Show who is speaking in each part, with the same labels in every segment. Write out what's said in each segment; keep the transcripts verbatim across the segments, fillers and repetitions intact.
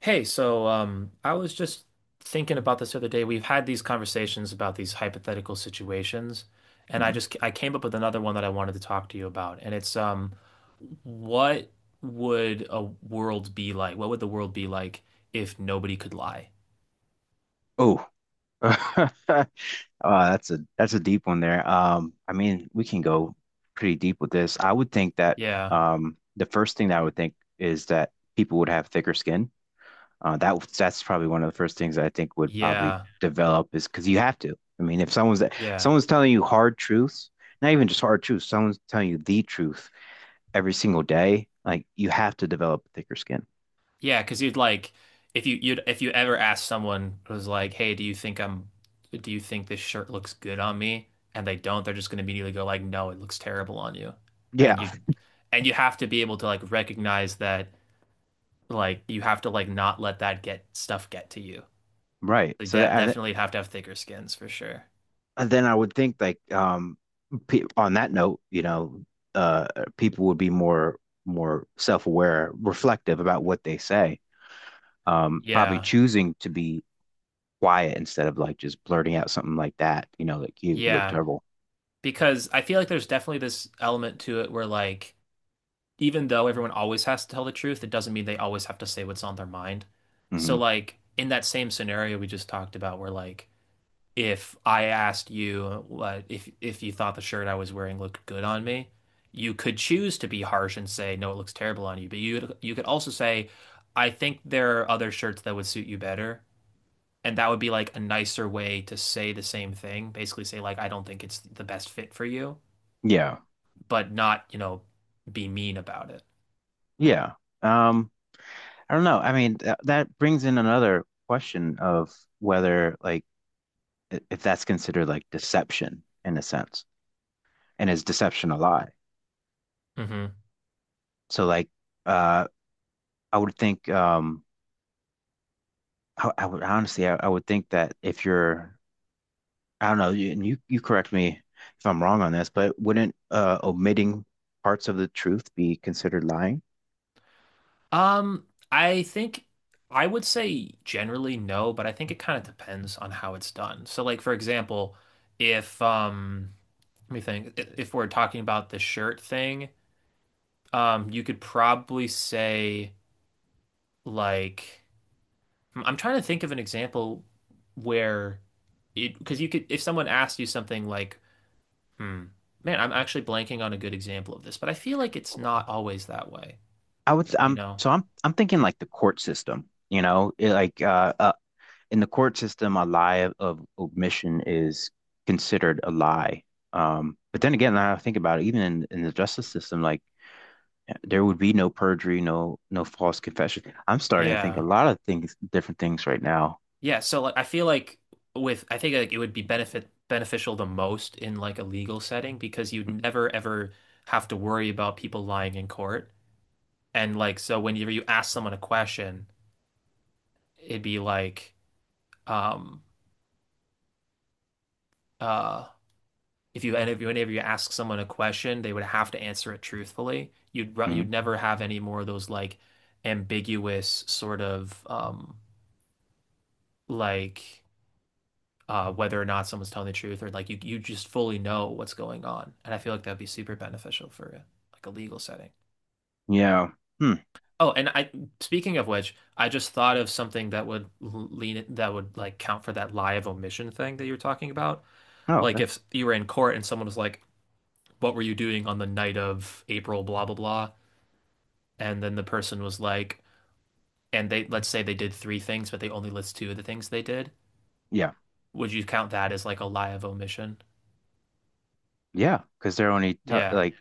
Speaker 1: Hey, so um, I was just thinking about this the other day. We've had these conversations about these hypothetical situations, and I
Speaker 2: Mhm.
Speaker 1: just I came up with another one that I wanted to talk to you about, and it's um, what would a world be like? What would the world be like if nobody could lie?
Speaker 2: Oh, uh, that's a that's a deep one there. Um, I mean, we can go pretty deep with this. I would think that
Speaker 1: Yeah,
Speaker 2: um, the first thing that I would think is that people would have thicker skin. Uh, that that's probably one of the first things I think would probably
Speaker 1: yeah,
Speaker 2: develop is because you have to. I mean, if someone's
Speaker 1: yeah.
Speaker 2: someone's telling you hard truths, not even just hard truths, someone's telling you the truth every single day, like you have to develop thicker skin.
Speaker 1: Yeah, because you'd like if you you'd if you ever asked someone who's like, "Hey, do you think I'm do you think this shirt looks good on me?" and they don't, they're just going to immediately go like, "No, it looks terrible on you." And
Speaker 2: Yeah,
Speaker 1: you and you have to be able to like recognize that like you have to like not let that get stuff get to you.
Speaker 2: right.
Speaker 1: They
Speaker 2: So
Speaker 1: de
Speaker 2: tha-
Speaker 1: definitely have to have thicker skins for sure.
Speaker 2: And then I would think like um pe on that note, you know, uh people would be more more self-aware, reflective about what they say. Um probably
Speaker 1: Yeah.
Speaker 2: choosing to be quiet instead of like just blurting out something like that, you know, like you you look
Speaker 1: Yeah,
Speaker 2: terrible.
Speaker 1: because I feel like there's definitely this element to it where like even though everyone always has to tell the truth, it doesn't mean they always have to say what's on their mind. So,
Speaker 2: hmm
Speaker 1: like, in that same scenario we just talked about, where like, if I asked you what if if you thought the shirt I was wearing looked good on me, you could choose to be harsh and say, no, it looks terrible on you. But you you could also say, I think there are other shirts that would suit you better. And that would be like a nicer way to say the same thing. Basically say like, I don't think it's the best fit for you,
Speaker 2: Yeah.
Speaker 1: but not, you know, be mean about it.
Speaker 2: Yeah. Um I don't know. I mean, th that brings in another question of whether like i- if that's considered like deception in a sense. And is deception a lie?
Speaker 1: hmm
Speaker 2: So like uh I would think um I, I would honestly, I, I would think that if you're, I don't know, you, and you you correct me if I'm wrong on this, but wouldn't uh, omitting parts of the truth be considered lying?
Speaker 1: Um, I think I would say generally no, but I think it kind of depends on how it's done. So like for example, if um let me think, i- if we're talking about the shirt thing, um you could probably say like I'm I'm trying to think of an example where it because you could if someone asked you something like, hmm, man, I'm actually blanking on a good example of this, but I feel like it's not always that way,
Speaker 2: I would,
Speaker 1: you
Speaker 2: I'm
Speaker 1: know?
Speaker 2: so I'm I'm thinking like the court system, you know, it, like uh, a, in the court system, a lie of omission is considered a lie. Um, but then again, now I think about it, even in, in the justice system, like there would be no perjury, no no false confession. I'm starting to think a
Speaker 1: Yeah.
Speaker 2: lot of things, different things right now.
Speaker 1: Yeah, so like I feel like with I think like it would be benefit beneficial the most in like a legal setting because you'd never ever have to worry about people lying in court. And like so whenever you ask someone a question, it'd be like um uh if you and if you whenever you ask someone a question, they would have to answer it truthfully. You'd ru-
Speaker 2: Mhm.
Speaker 1: you'd never have any more of those like ambiguous sort of um like uh, whether or not someone's telling the truth or like you you just fully know what's going on. And I feel like that'd be super beneficial for like a legal setting.
Speaker 2: Yeah. Hmm.
Speaker 1: Oh, and I speaking of which, I just thought of something that would lean that would like count for that lie of omission thing that you were talking about.
Speaker 2: Oh,
Speaker 1: Like
Speaker 2: okay.
Speaker 1: if you were in court and someone was like, "What were you doing on the night of April blah blah blah?" and then the person was like, and they, let's say they did three things, but they only list two of the things they did.
Speaker 2: Yeah.
Speaker 1: Would you count that as like a lie of omission?
Speaker 2: Yeah. Because they're only t
Speaker 1: Yeah.
Speaker 2: like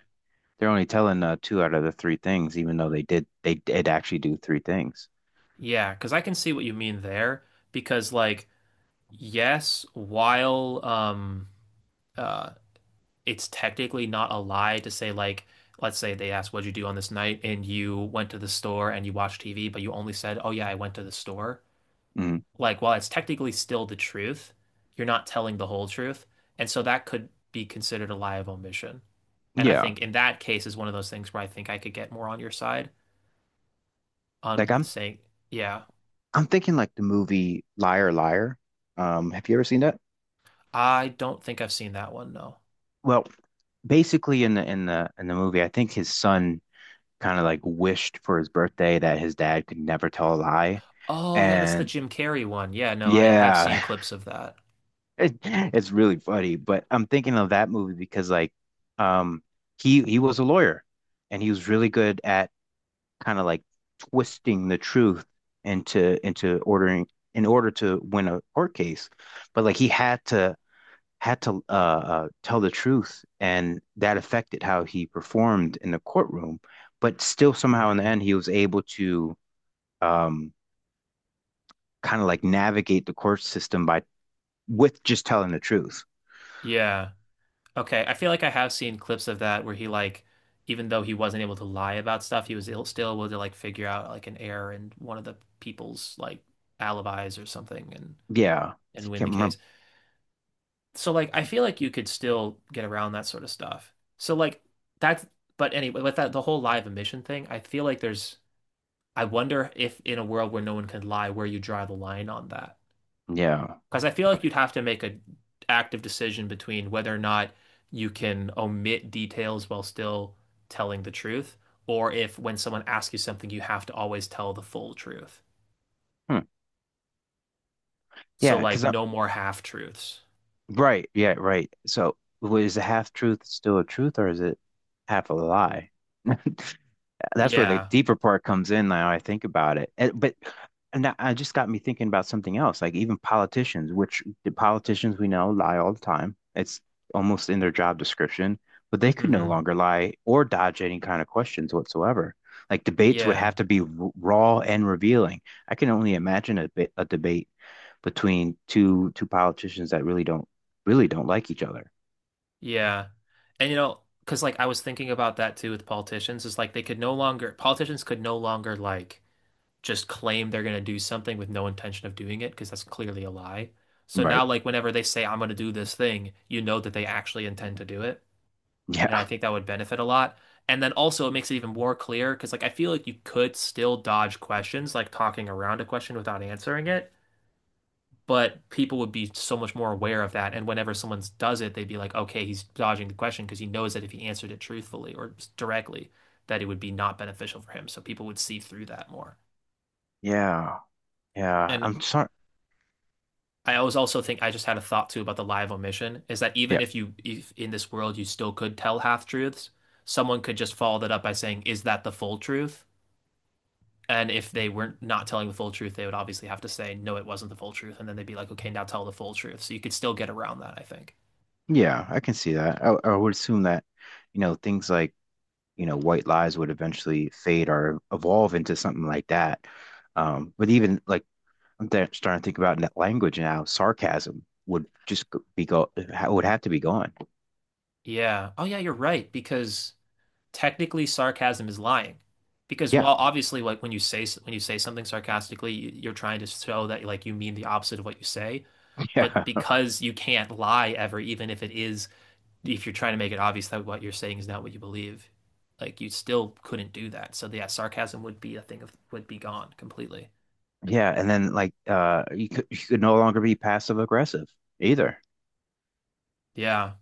Speaker 2: they're only telling uh, two out of the three things, even though they did they did actually do three things.
Speaker 1: Yeah, because I can see what you mean there. Because, like, yes, while um, uh, it's technically not a lie to say, like, let's say they asked, what'd you do on this night? And you went to the store and you watched T V, but you only said, oh, yeah, I went to the store.
Speaker 2: Mhm.
Speaker 1: Like, while it's technically still the truth, you're not telling the whole truth. And so that could be considered a lie of omission. And I
Speaker 2: Yeah,
Speaker 1: think in that case is one of those things where I think I could get more on your side
Speaker 2: like
Speaker 1: on
Speaker 2: I'm
Speaker 1: saying, yeah,
Speaker 2: I'm thinking like the movie Liar Liar. Um, have you ever seen that?
Speaker 1: I don't think I've seen that one, no.
Speaker 2: Well, basically in the in the in the movie, I think his son kind of like wished for his birthday that his dad could never tell a lie,
Speaker 1: Oh, yeah, that's the
Speaker 2: and
Speaker 1: Jim Carrey one. Yeah, no, I have
Speaker 2: yeah,
Speaker 1: seen clips of that.
Speaker 2: it, it's really funny. But I'm thinking of that movie because like, um, he he was a lawyer, and he was really good at kind of like twisting the truth into into ordering in order to win a court case. But like he had to had to uh, uh, tell the truth, and that affected how he performed in the courtroom. But still, somehow in the
Speaker 1: hmm
Speaker 2: end, he was able to um, kind of like navigate the court system by with just telling the truth.
Speaker 1: Yeah. Okay. I feel like I have seen clips of that where he like, even though he wasn't able to lie about stuff, he was ill, still able to like figure out like an error in one of the people's like alibis or something and
Speaker 2: Yeah,
Speaker 1: and win the
Speaker 2: can't
Speaker 1: case.
Speaker 2: remember.
Speaker 1: So like, I feel like you could still get around that sort of stuff. So like that's but anyway, with that the whole live emission thing, I feel like there's I wonder if in a world where no one can lie, where you draw the line on that.
Speaker 2: Yeah.
Speaker 1: Because I feel like
Speaker 2: Okay.
Speaker 1: you'd have to make an active decision between whether or not you can omit details while still telling the truth, or if when someone asks you something, you have to always tell the full truth.
Speaker 2: Hmm.
Speaker 1: So,
Speaker 2: yeah,
Speaker 1: like,
Speaker 2: because
Speaker 1: no more half truths.
Speaker 2: Right. Yeah. Right. So, w- is a half truth still a truth or is it half a lie? That's where the
Speaker 1: Yeah.
Speaker 2: deeper part comes in now I think about it. And, but and that- I just got me thinking about something else, like even politicians, which the politicians we know lie all the time. It's almost in their job description, but they could no
Speaker 1: hmm
Speaker 2: longer lie or dodge any kind of questions whatsoever. Like debates would
Speaker 1: Yeah.
Speaker 2: have to be r- raw and revealing. I can only imagine a, bit, a debate between two two politicians that really don't really don't like each other.
Speaker 1: Yeah. And, you know, because, like, I was thinking about that too with politicians, is like they could no longer, politicians could no longer, like, just claim they're going to do something with no intention of doing it because that's clearly a lie. So
Speaker 2: Right.
Speaker 1: now, like, whenever they say, I'm going to do this thing, you know that they actually intend to do it. And I
Speaker 2: Yeah.
Speaker 1: think that would benefit a lot. And then also, it makes it even more clear because, like, I feel like you could still dodge questions, like talking around a question without answering it. But people would be so much more aware of that. And whenever someone does it, they'd be like, okay, he's dodging the question because he knows that if he answered it truthfully or directly, that it would be not beneficial for him. So people would see through that more.
Speaker 2: Yeah. Yeah.
Speaker 1: And
Speaker 2: I'm sorry.
Speaker 1: I always also think I just had a thought too about the live omission is that even
Speaker 2: Yeah.
Speaker 1: if you if in this world you still could tell half truths, someone could just follow that up by saying, "Is that the full truth?" And if they weren't not telling the full truth, they would obviously have to say, "No, it wasn't the full truth," and then they'd be like, "Okay, now tell the full truth." So you could still get around that, I think.
Speaker 2: Yeah, I can see that. I, I would assume that, you know, things like, you know, white lies would eventually fade or evolve into something like that. Um, but even like I'm th- starting to think about net language now, sarcasm would just go- be go ha- would have to be gone.
Speaker 1: Yeah. Oh yeah, you're right because technically sarcasm is lying. Because
Speaker 2: Yeah.
Speaker 1: while obviously like when you say when you say something sarcastically, you- you're trying to show that like you mean the opposite of what you say but
Speaker 2: Yeah.
Speaker 1: because you can't lie ever, even if it is, if you're trying to make it obvious that what you're saying is not what you believe, like you still couldn't do that. So yeah, sarcasm would be a thing of would be gone completely.
Speaker 2: Yeah, and then like uh you could you could no longer be passive aggressive either.
Speaker 1: Yeah.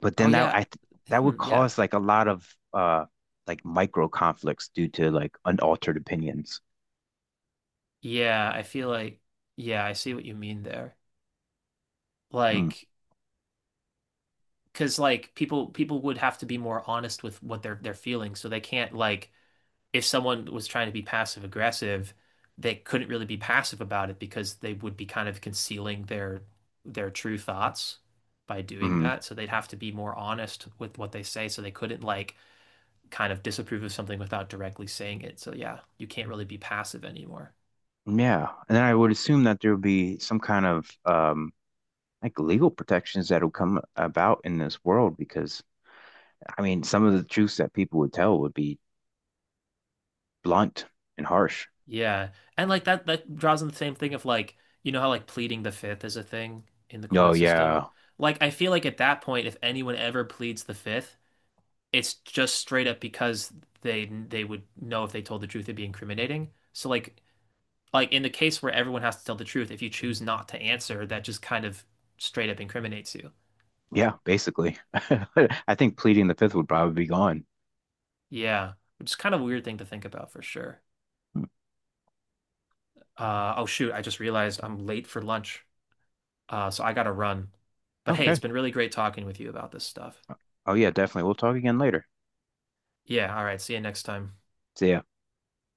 Speaker 2: But
Speaker 1: Oh
Speaker 2: then that
Speaker 1: yeah.
Speaker 2: I th that
Speaker 1: Hmm,
Speaker 2: would
Speaker 1: yeah.
Speaker 2: cause like a lot of uh like micro conflicts due to like unaltered opinions.
Speaker 1: Yeah. I feel like yeah, I see what you mean there.
Speaker 2: Mm,
Speaker 1: Like, because like people people would have to be more honest with what they're they're feeling, so they can't like if someone was trying to be passive aggressive, they couldn't really be passive about it because they would be kind of concealing their their true thoughts by doing
Speaker 2: mhm.
Speaker 1: that. So they'd have to be more honest with what they say. So they couldn't like kind of disapprove of something without directly saying it. So yeah, you can't really be passive anymore.
Speaker 2: Yeah, and then I would assume that there would be some kind of um like legal protections that will come about in this world because I mean some of the truths that people would tell would be blunt and harsh.
Speaker 1: Yeah. And like that that draws in the same thing of like, you know how like pleading the fifth is a thing in the
Speaker 2: Oh
Speaker 1: court system?
Speaker 2: yeah,
Speaker 1: Like I feel like at that point, if anyone ever pleads the fifth, it's just straight up because they they would know if they told the truth it'd be incriminating. So like like in the case where everyone has to tell the truth, if you choose not to answer, that just kind of straight up incriminates you.
Speaker 2: yeah, basically. I think pleading the fifth would probably be gone.
Speaker 1: Yeah, which is kind of a weird thing to think about for sure.
Speaker 2: Mm.
Speaker 1: Uh, oh shoot, I just realized I'm late for lunch, uh, so I gotta run. But hey, it's
Speaker 2: Okay.
Speaker 1: been really great talking with you about this stuff.
Speaker 2: Oh yeah, definitely. We'll talk again later.
Speaker 1: Yeah, all right, see you next time.
Speaker 2: See ya.